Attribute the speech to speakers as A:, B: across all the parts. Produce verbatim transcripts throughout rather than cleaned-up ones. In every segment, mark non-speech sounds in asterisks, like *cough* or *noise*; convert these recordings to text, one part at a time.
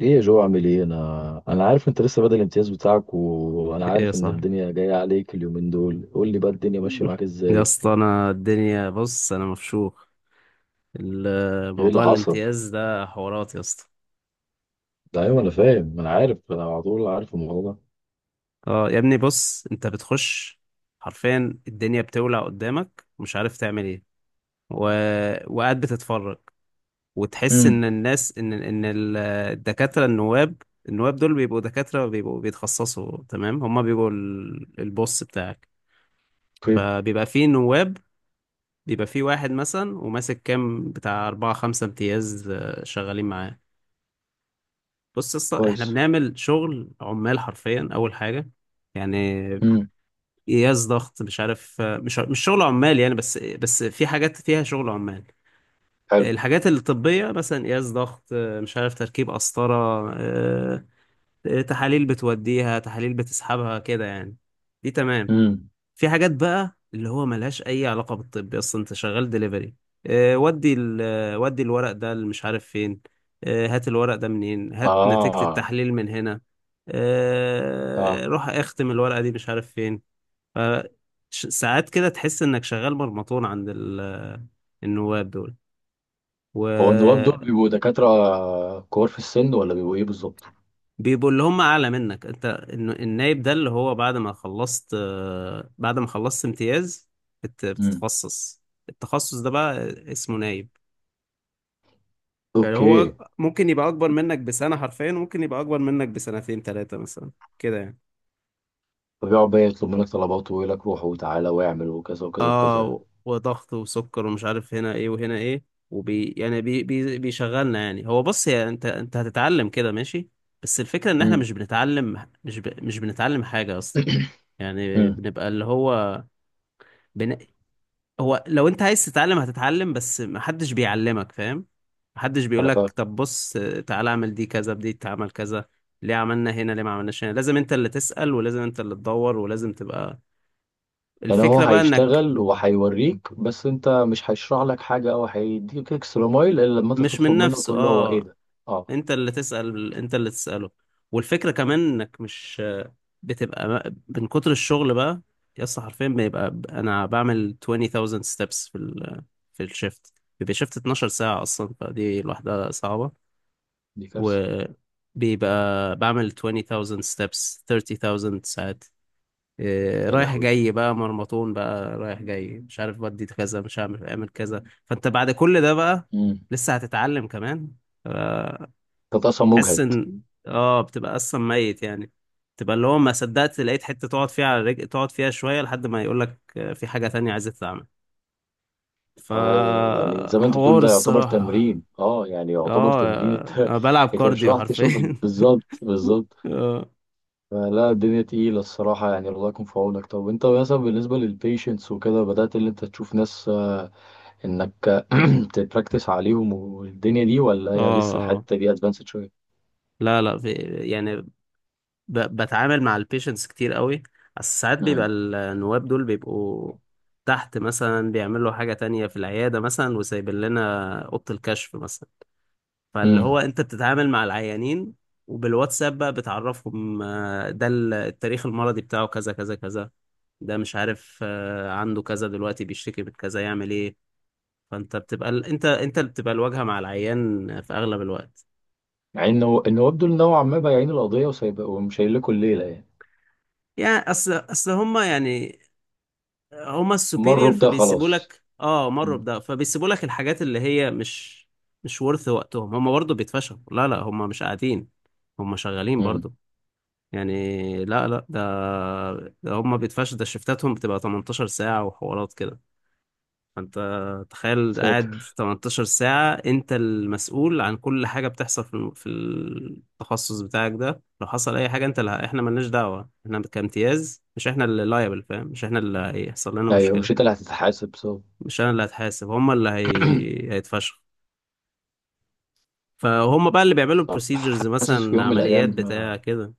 A: ايه يا جو، عامل ايه؟ انا انا عارف انت لسه بدأ الامتياز بتاعك، وانا
B: ايه
A: عارف ان
B: صاحبي.
A: الدنيا جايه عليك اليومين دول. قول لي بقى، الدنيا ماشيه معاك
B: يا
A: ازاي؟
B: اسطى انا الدنيا بص انا مفشوخ.
A: ايه اللي
B: الموضوع
A: حصل؟
B: الامتياز ده حوارات يا اسطى.
A: ده ايوه، انا فاهم، انا عارف، انا على طول عارف الموضوع ده.
B: اه يا ابني بص انت بتخش، حرفيا الدنيا بتولع قدامك مش عارف تعمل ايه و... وقاعد بتتفرج، وتحس ان
A: امم
B: الناس ان ان ال- الدكاتره النواب. النواب دول بيبقوا دكاتره، بيبقوا بيتخصصوا، تمام، هما بيبقوا ال- البوس بتاعك.
A: اوكي.
B: فبيبقى فيه نواب، بيبقى في واحد مثلا وماسك كام بتاع أربعة خمسة امتياز، آه، شغالين معاه. بص يا اسطى احنا
A: كويس.
B: بنعمل شغل عمال حرفيا، أول حاجة يعني
A: امم
B: قياس ضغط مش عارف، آه، مش مش شغل عمال يعني، بس بس في حاجات فيها شغل عمال.
A: حلو.
B: الحاجات الطبية مثلا قياس ضغط، آه، مش عارف، تركيب قسطرة، آه، آه، تحاليل بتوديها، تحاليل بتسحبها كده يعني. دي تمام.
A: امم
B: في حاجات بقى اللي هو ملهاش اي علاقه بالطب اصلا، انت شغال دليفري. اه ودي ال آه، ودي الورق ده اللي مش عارف فين، آه، هات الورق ده منين، هات نتيجه
A: اه،
B: التحليل من هنا، آه،
A: اه.
B: روح اختم الورقه دي مش عارف فين. ف- ش- ساعات كده تحس انك شغال مرمطون عند ال- آه، النواب دول.
A: هو النواب دول بيبقوا دكاترة كبار في السن، ولا بيبقوا ايه بالظبط؟
B: بيبقوا اللي هم اعلى منك انت، الن- النايب ده اللي هو بعد ما خلصت، آه، بعد ما خلصت امتياز بت-
A: امم
B: بتتخصص، التخصص ده بقى اسمه نايب. يعني هو
A: اوكي.
B: ممكن يبقى اكبر منك بسنة حرفيا، وممكن يبقى اكبر منك بسنتين ثلاثة مثلا، كده يعني.
A: فبيقعد بقى يطلب منك طلبات، ويقول لك روح وتعالى واعمل وكذا وكذا
B: اه
A: وكذا.
B: و- وضغط وسكر ومش عارف هنا ايه وهنا ايه، وبي يعني بي بي بيشغلنا يعني. هو بص يا انت انت هتتعلم كده، ماشي، بس الفكرة ان احنا
A: امم
B: مش بنتعلم، مش ب... مش بنتعلم حاجة اصلا. يعني
A: امم
B: بنبقى اللي هو بن... هو لو انت عايز تتعلم هتتعلم، بس محدش بيعلمك، فاهم؟ محدش
A: انا فاهم.
B: بيقولك طب بص تعالى اعمل دي كذا، بدي تعمل كذا، ليه عملنا هنا، ليه ما عملناش هنا. لازم انت اللي تسأل، ولازم انت اللي تدور، ولازم تبقى.
A: يعني هو
B: الفكرة بقى انك
A: هيشتغل وهيوريك، بس انت مش هيشرح لك حاجة او هيديك اكسترا مايل الا لما انت
B: مش
A: تطلب
B: من
A: منه
B: نفسه،
A: وتقول له هو ايه
B: اه،
A: ده. اه،
B: انت اللي تسأل، انت اللي تسأله. والفكرة كمان انك مش بتبقى، من كتر الشغل بقى يا اسطى، حرفيا بيبقى انا بعمل عشرين الف steps في ال... في الشيفت. بيبقى شيفت اتناشر ساعة اصلا، فدي لوحدها صعبة.
A: دي كارثة.
B: وبيبقى بعمل عشرين الف steps تلاتين الف ساعات، إيه،
A: يا
B: رايح
A: لهوي.
B: جاي بقى مرمطون بقى، رايح جاي، مش عارف بدي كذا، مش هعمل اعمل كذا، فانت بعد كل ده بقى
A: امم
B: لسه هتتعلم كمان. آه،
A: انت اصلا
B: حس
A: مجهد.
B: ان، اه بتبقى اصلا ميت يعني. تبقى اللي هو ما صدقت لقيت حتة تقعد فيها على رجل، تقعد فيها شوية لحد ما يقولك، آه، في حاجة تانية عايز تتعمل.
A: آه، يعني زي ما انت بتقول
B: فحوار
A: ده يعتبر
B: الصراحة.
A: تمرين، اه، يعني يعتبر
B: اه
A: تمرين. *laughs*
B: آه،
A: انت
B: انا بلعب
A: انت مش
B: كارديو
A: راح تشوف ال-،
B: حرفيا.
A: بالظبط بالظبط.
B: *laughs* اه.
A: فلا، الدنيا تقيلة الصراحة يعني، الله يكون في عونك. طب انت مثلا بالنسبة للبيشنس وكده بدأت اللي انت تشوف ناس، آه، انك *clears throat* تبراكتس عليهم والدنيا دي، ولا
B: اه
A: هي لسه
B: اه
A: الحتة دي ادفانسد شوية؟
B: لا لا في يعني، ب... بتعامل مع البيشنتس كتير قوي، بس ساعات بيبقى
A: مم.
B: النواب دول بيبقوا تحت مثلا، بيعملوا حاجة تانية في العيادة مثلا، وسايبين لنا أوضة الكشف مثلا. فاللي
A: مم.
B: هو انت بتتعامل مع العيانين، وبالواتساب بقى بتعرفهم، آه، ده ال- التاريخ المرضي بتاعه كذا كذا كذا، ده مش عارف، آه، عنده كذا دلوقتي، بيشتكي من كذا، يعمل ايه. فانت بتبقى ال- انت انت اللي بتبقى الواجهة مع العيان في اغلب الوقت.
A: يعني انه انه يبدو ان هو عمال بايعين القضيه وسايب ومش هيقول لكم الليله يعني.
B: يعني اصل اصل هما يعني، هما
A: مروا
B: السوبيريور،
A: بده،
B: فبيسيبوا
A: خلاص.
B: لك اه، مروا
A: مم.
B: بده، فبيسيبوا لك الحاجات اللي هي مش مش ورث وقتهم. هما برضه بيتفشخوا، لا لا هما مش قاعدين، هما شغالين
A: مم.
B: برضه يعني. لا لا ده، ده هما بيتفشخوا، ده شفتاتهم بتبقى تمنتاشر ساعة وحوارات كده. فانت تخيل قاعد
A: ساتر.
B: تمنتاشر ساعة انت المسؤول عن كل حاجة بتحصل في الم- في التخصص بتاعك ده. لو حصل اي حاجة انت اللي، احنا ملناش دعوة، احنا كامتياز مش احنا اللي لايبل، فاهم؟ مش احنا اللي هيحصل لنا
A: ايوه، مش انت
B: مشكلة.
A: اللي هتتحاسب، صح.
B: مش انا اللي هتحاسب، هم اللي هي...
A: *clears throat*
B: هيتفشخ. فهم بقى اللي بيعملوا البروسيجرز،
A: حاسس في
B: مثلا
A: يوم من
B: عمليات
A: الايام،
B: بتاع كده.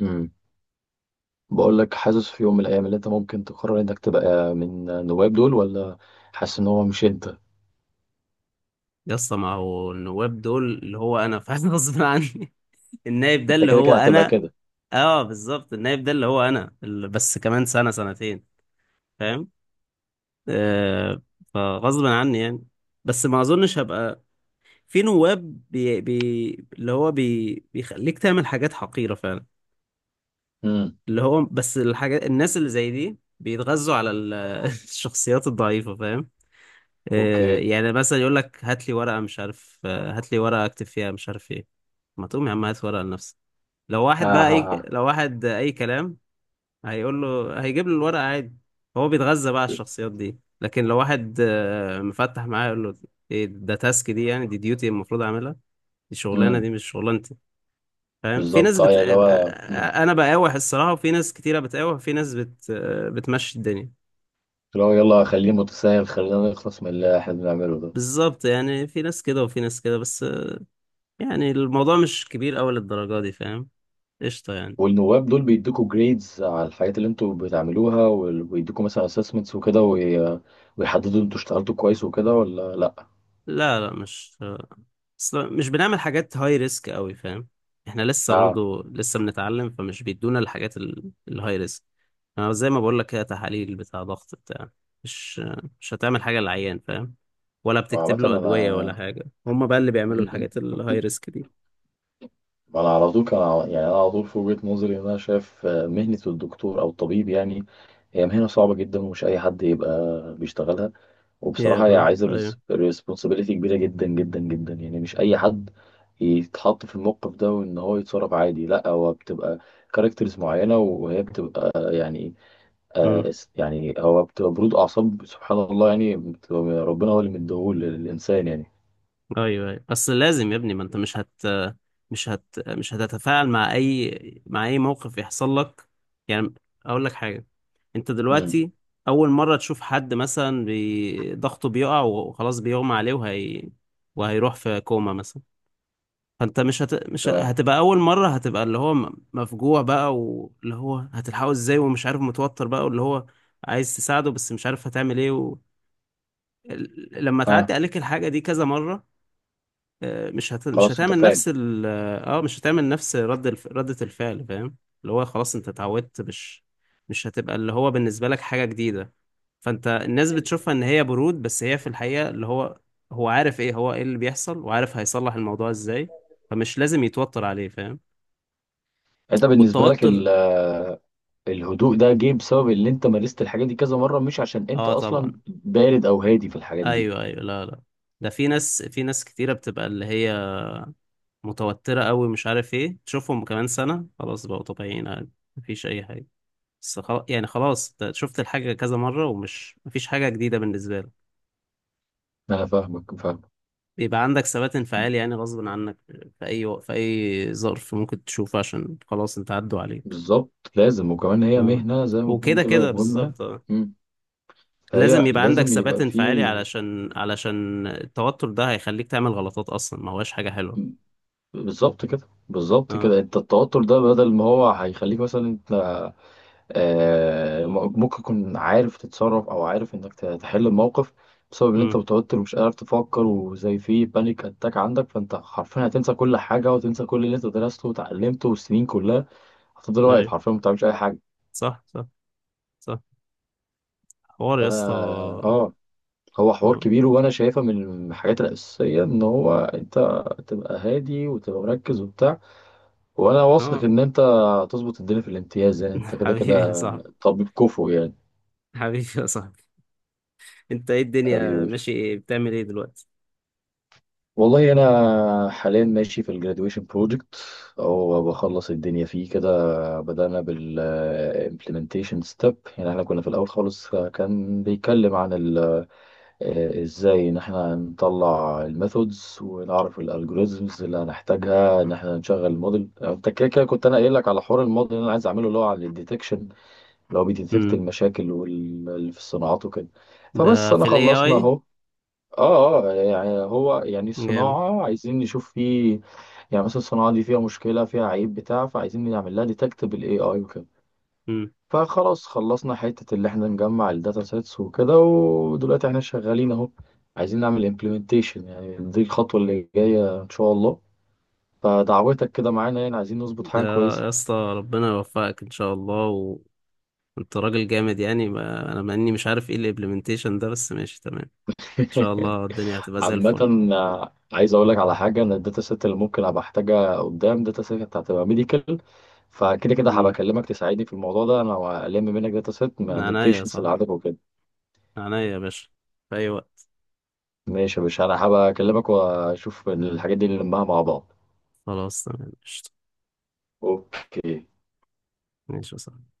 A: مم. بقول لك حاسس في يوم من الايام اللي انت ممكن تقرر انك تبقى من النواب دول، ولا حاسس ان هو مش انت؟
B: يا اسطى ما هو النواب دول اللي هو انا *laughs* فاهم، غصب عني. النايب ده
A: انت
B: اللي
A: كده
B: هو
A: كده هتبقى
B: انا.
A: كده.
B: اه بالظبط النايب ده اللي هو انا اللي بس كمان سنة سنتين، فاهم. آه. فغصب عني يعني، بس ما اظنش هبقى. في نواب بي... بي... اللي هو بي... بيخليك تعمل حاجات حقيرة فعلا.
A: مم.
B: اللي هو بس الحاجات، الناس اللي زي دي بيتغذوا على ال- *laughs* الشخصيات الضعيفة، فاهم. آه،
A: اوكي.
B: يعني مثلا يقول لك هات لي ورقة مش عارف، آه، هات لي ورقة اكتب فيها مش عارف ايه. ما تقوم يا عم هات ورقة لنفسك. لو
A: اه،
B: واحد بقى
A: اه،
B: اي،
A: اه.
B: لو واحد اي كلام هيقول له، هيجيب له الورقة عادي، هو بيتغذى بقى على الشخصيات دي. لكن لو واحد آه، مفتح معاه يقول له ايه ده؟ تاسك دي يعني، دي ديوتي المفروض اعملها؟ دي شغلانة،
A: مم.
B: دي مش شغلانة، فاهم. في ناس
A: بالظبط، اه.
B: بت...
A: يعني
B: آه،
A: اللي
B: آه،
A: هو، مم.
B: آه، انا بقاوح الصراحه، وفي ناس كتيره بتقاوح، وفي ناس بت... آه، بتمشي الدنيا.
A: اللي هو يلا خليه متساهل، خلينا نخلص من اللي احنا بنعمله ده.
B: بالظبط، يعني في ناس كده وفي ناس كده بس. يعني الموضوع مش كبير أوي للدرجه دي، فاهم. قشطه يعني.
A: والنواب دول بيدوكوا جريدز على الحاجات اللي انتوا بتعملوها، وال- ويدوكوا مثلا اسسمنتس وكده، وي- ويحددوا انتوا اشتغلتوا كويس وكده ولا لا؟
B: لا لا مش، أصل مش بنعمل حاجات هاي ريسك أوي، فاهم. احنا لسه
A: اه.
B: برضو لسه بنتعلم، فمش بيدونا الحاجات ال- الهاي ريسك. انا زي ما بقول لك، هي تحاليل بتاع ضغط بتاع، مش مش هتعمل حاجه للعيان، فاهم. ولا
A: عامة
B: بتكتب له
A: انا،
B: ادويه ولا حاجه. هما بقى اللي بيعملوا
A: مم.
B: الحاجات الهاي ريسك دي.
A: انا على طول كان ع-، يعني انا على طول في وجهة نظري، ان انا شايف، آه، مهنة الدكتور او الطبيب يعني هي مهنة صعبة جدا، ومش اي حد يبقى بيشتغلها.
B: يا
A: وبصراحة هي
B: برو
A: عايزة
B: ايوه.
A: ريسبونسابيلتي كبيرة جدا جدا جدا. يعني مش أي حد يتحط في الموقف ده وإن هو يتصرف عادي، لأ، هو بتبقى كاركترز معينة. وهي بتبقى يعني،
B: امم
A: آه يعني هو بتبقى برود أعصاب، سبحان الله، يعني بتبقى ربنا هو اللي مديهول للإنسان يعني.
B: ايوه ايوه. اصل لازم يا ابني، ما انت مش هت مش هت مش هتتفاعل مع اي مع اي موقف يحصل لك يعني. اقول لك حاجه، انت
A: امم
B: دلوقتي اول مره تشوف حد مثلا بي... ضغطه بيقع وخلاص بيغمى عليه، وهي وهيروح في كوما مثلا. فانت مش هت... مش ه-
A: تمام.
B: هتبقى اول مره، هتبقى اللي هو م- مفجوع بقى، واللي هو هتلحقه ازاي، ومش عارف، متوتر بقى، واللي هو عايز تساعده بس مش عارف هتعمل ايه و... ال- لما تعدي
A: آه
B: عليك الحاجه دي كذا مره، آه، مش هت... مش
A: خلاص أنت
B: هتعمل
A: فاهم.
B: نفس ال، اه مش هتعمل نفس رد الف... ردة الفعل، فاهم. اللي هو خلاص انت اتعودت، مش مش هتبقى اللي هو بالنسبة لك حاجة جديدة. فانت الناس بتشوفها ان هي برود، بس هي في الحقيقة اللي هو، هو عارف ايه، هو ايه اللي بيحصل، وعارف هيصلح الموضوع ازاي، فمش لازم يتوتر عليه، فاهم.
A: أنت بالنسبة لك
B: والتوتر.
A: ال- الهدوء ده جه بسبب اللي أنت مارست الحاجات دي كذا مرة، مش عشان أنت
B: اه
A: أصلا
B: طبعا.
A: بارد أو هادي في الحاجات دي؟
B: ايوه ايوه لا لا ده، في ناس في ناس كتيرة بتبقى اللي هي متوترة قوي مش عارف ايه، تشوفهم كمان سنة خلاص بقوا طبيعيين عادي، مفيش اي حاجة. بس خلاص يعني، خلاص أنت شفت الحاجة كذا مرة، ومش مفيش حاجة جديدة بالنسبة لك.
A: أنا فاهمك، فاهم.
B: بيبقى عندك ثبات انفعالي يعني غصب عنك. في أي وق- في أي ظرف ممكن تشوفه عشان خلاص أنت عدوا عليك.
A: بالظبط، لازم. وكمان هي
B: اه
A: مهنة زي ما
B: وكده
A: بنقول كده، هي
B: كده
A: مهمة.
B: بالظبط اه.
A: مم.
B: لازم
A: فهي
B: يبقى عندك
A: لازم
B: ثبات
A: يبقى في.
B: انفعالي، علشان علشان التوتر ده هيخليك تعمل غلطات، أصلا ما هواش حاجة حلوة.
A: بالظبط كده، بالظبط
B: اه
A: كده. انت التوتر ده بدل ما هو هيخليك، مثلا انت آه ممكن تكون عارف تتصرف او عارف انك تحل الموقف، بسبب ان انت
B: امم.
A: متوتر ومش قادر تفكر، وزي في بانيك اتاك عندك، فانت حرفيا هتنسى كل حاجة، وتنسى كل اللي انت درسته وتعلمته والسنين كلها. هتفضل واقف
B: أيوه
A: حرفيا ما بتعملش اي حاجة.
B: صح صح صح. حوار يا
A: فانا
B: اسطى.
A: اه هو حوار
B: اه
A: كبير. وانا شايفها من الحاجات الاساسيه ان هو انت تبقى هادي وتبقى مركز وبتاع. وانا واثق
B: اه.
A: ان انت هتظبط الدنيا في الامتياز. يعني انت
B: *laughs*
A: كده
B: حبيبي
A: كده
B: يا صاحبي.
A: طبيب كفو يعني.
B: حبيبي يا صاحبي. أنت إيه؟ الدنيا
A: حبيبي.
B: ماشي إيه؟ بتعمل إيه دلوقتي؟
A: والله انا حاليا ماشي في الجراديويشن بروجكت، او بخلص الدنيا فيه. كده بدأنا بال implementation step. يعني احنا كنا في الاول خالص كان بيتكلم عن آه، ازاي ان احنا نطلع الميثودز ونعرف الالجوريزمز اللي هنحتاجها ان احنا نشغل الموديل. انت كده كده كنت انا قايل لك على حوار الموديل اللي انا عايز اعمله، اللي هو على الديتكشن، اللي هو بيديتكت
B: امم.
A: المشاكل واللي في الصناعات وكده. فبس
B: ده
A: انا
B: في الاي
A: خلصنا
B: اي.
A: اهو. اه، اه، يعني هو يعني
B: جامد.
A: الصناعة عايزين نشوف فيه يعني، مثلا الصناعة دي فيها مشكلة فيها عيب بتاع، فعايزين نعمل لها ديتكت بالاي اي وكده.
B: امم.
A: فخلاص خلصنا حتة اللي احنا نجمع الداتا سيتس وكده. ودلوقتي احنا شغالين اهو، عايزين نعمل امبلمنتيشن. يعني دي الخطوة اللي جاية ان شاء الله. فدعوتك كده معانا، يعني عايزين نظبط
B: يا
A: حاجة كويسة.
B: يا اسطى ربنا يوفقك ان شاء الله. وانت راجل جامد يعني. ما انا مع اني مش عارف ايه الامبلمنتيشن ده، بس ماشي تمام، ان شاء
A: *laughs*
B: الله الدنيا هتبقى زي
A: عامة،
B: الفل.
A: آه، عايز اقول لك على حاجة، ان الداتا سيت اللي ممكن ابقى احتاجها قدام، داتا سيت هتبقى ميديكال. فكده كده هبقى
B: امم.
A: اكلمك تساعدني في الموضوع ده، انا الم منك داتا سيت
B: من
A: من
B: عينيا يا
A: البيشنس اللي
B: صاحبي.
A: عندك وكده.
B: من عينيا يا باشا. في اي وقت.
A: ماشي يا باشا، انا هبقى اكلمك واشوف الحاجات دي اللي نلمها مع بعض.
B: خلاص تمام قشطة.
A: اوكي
B: ماشي يا صاحبي.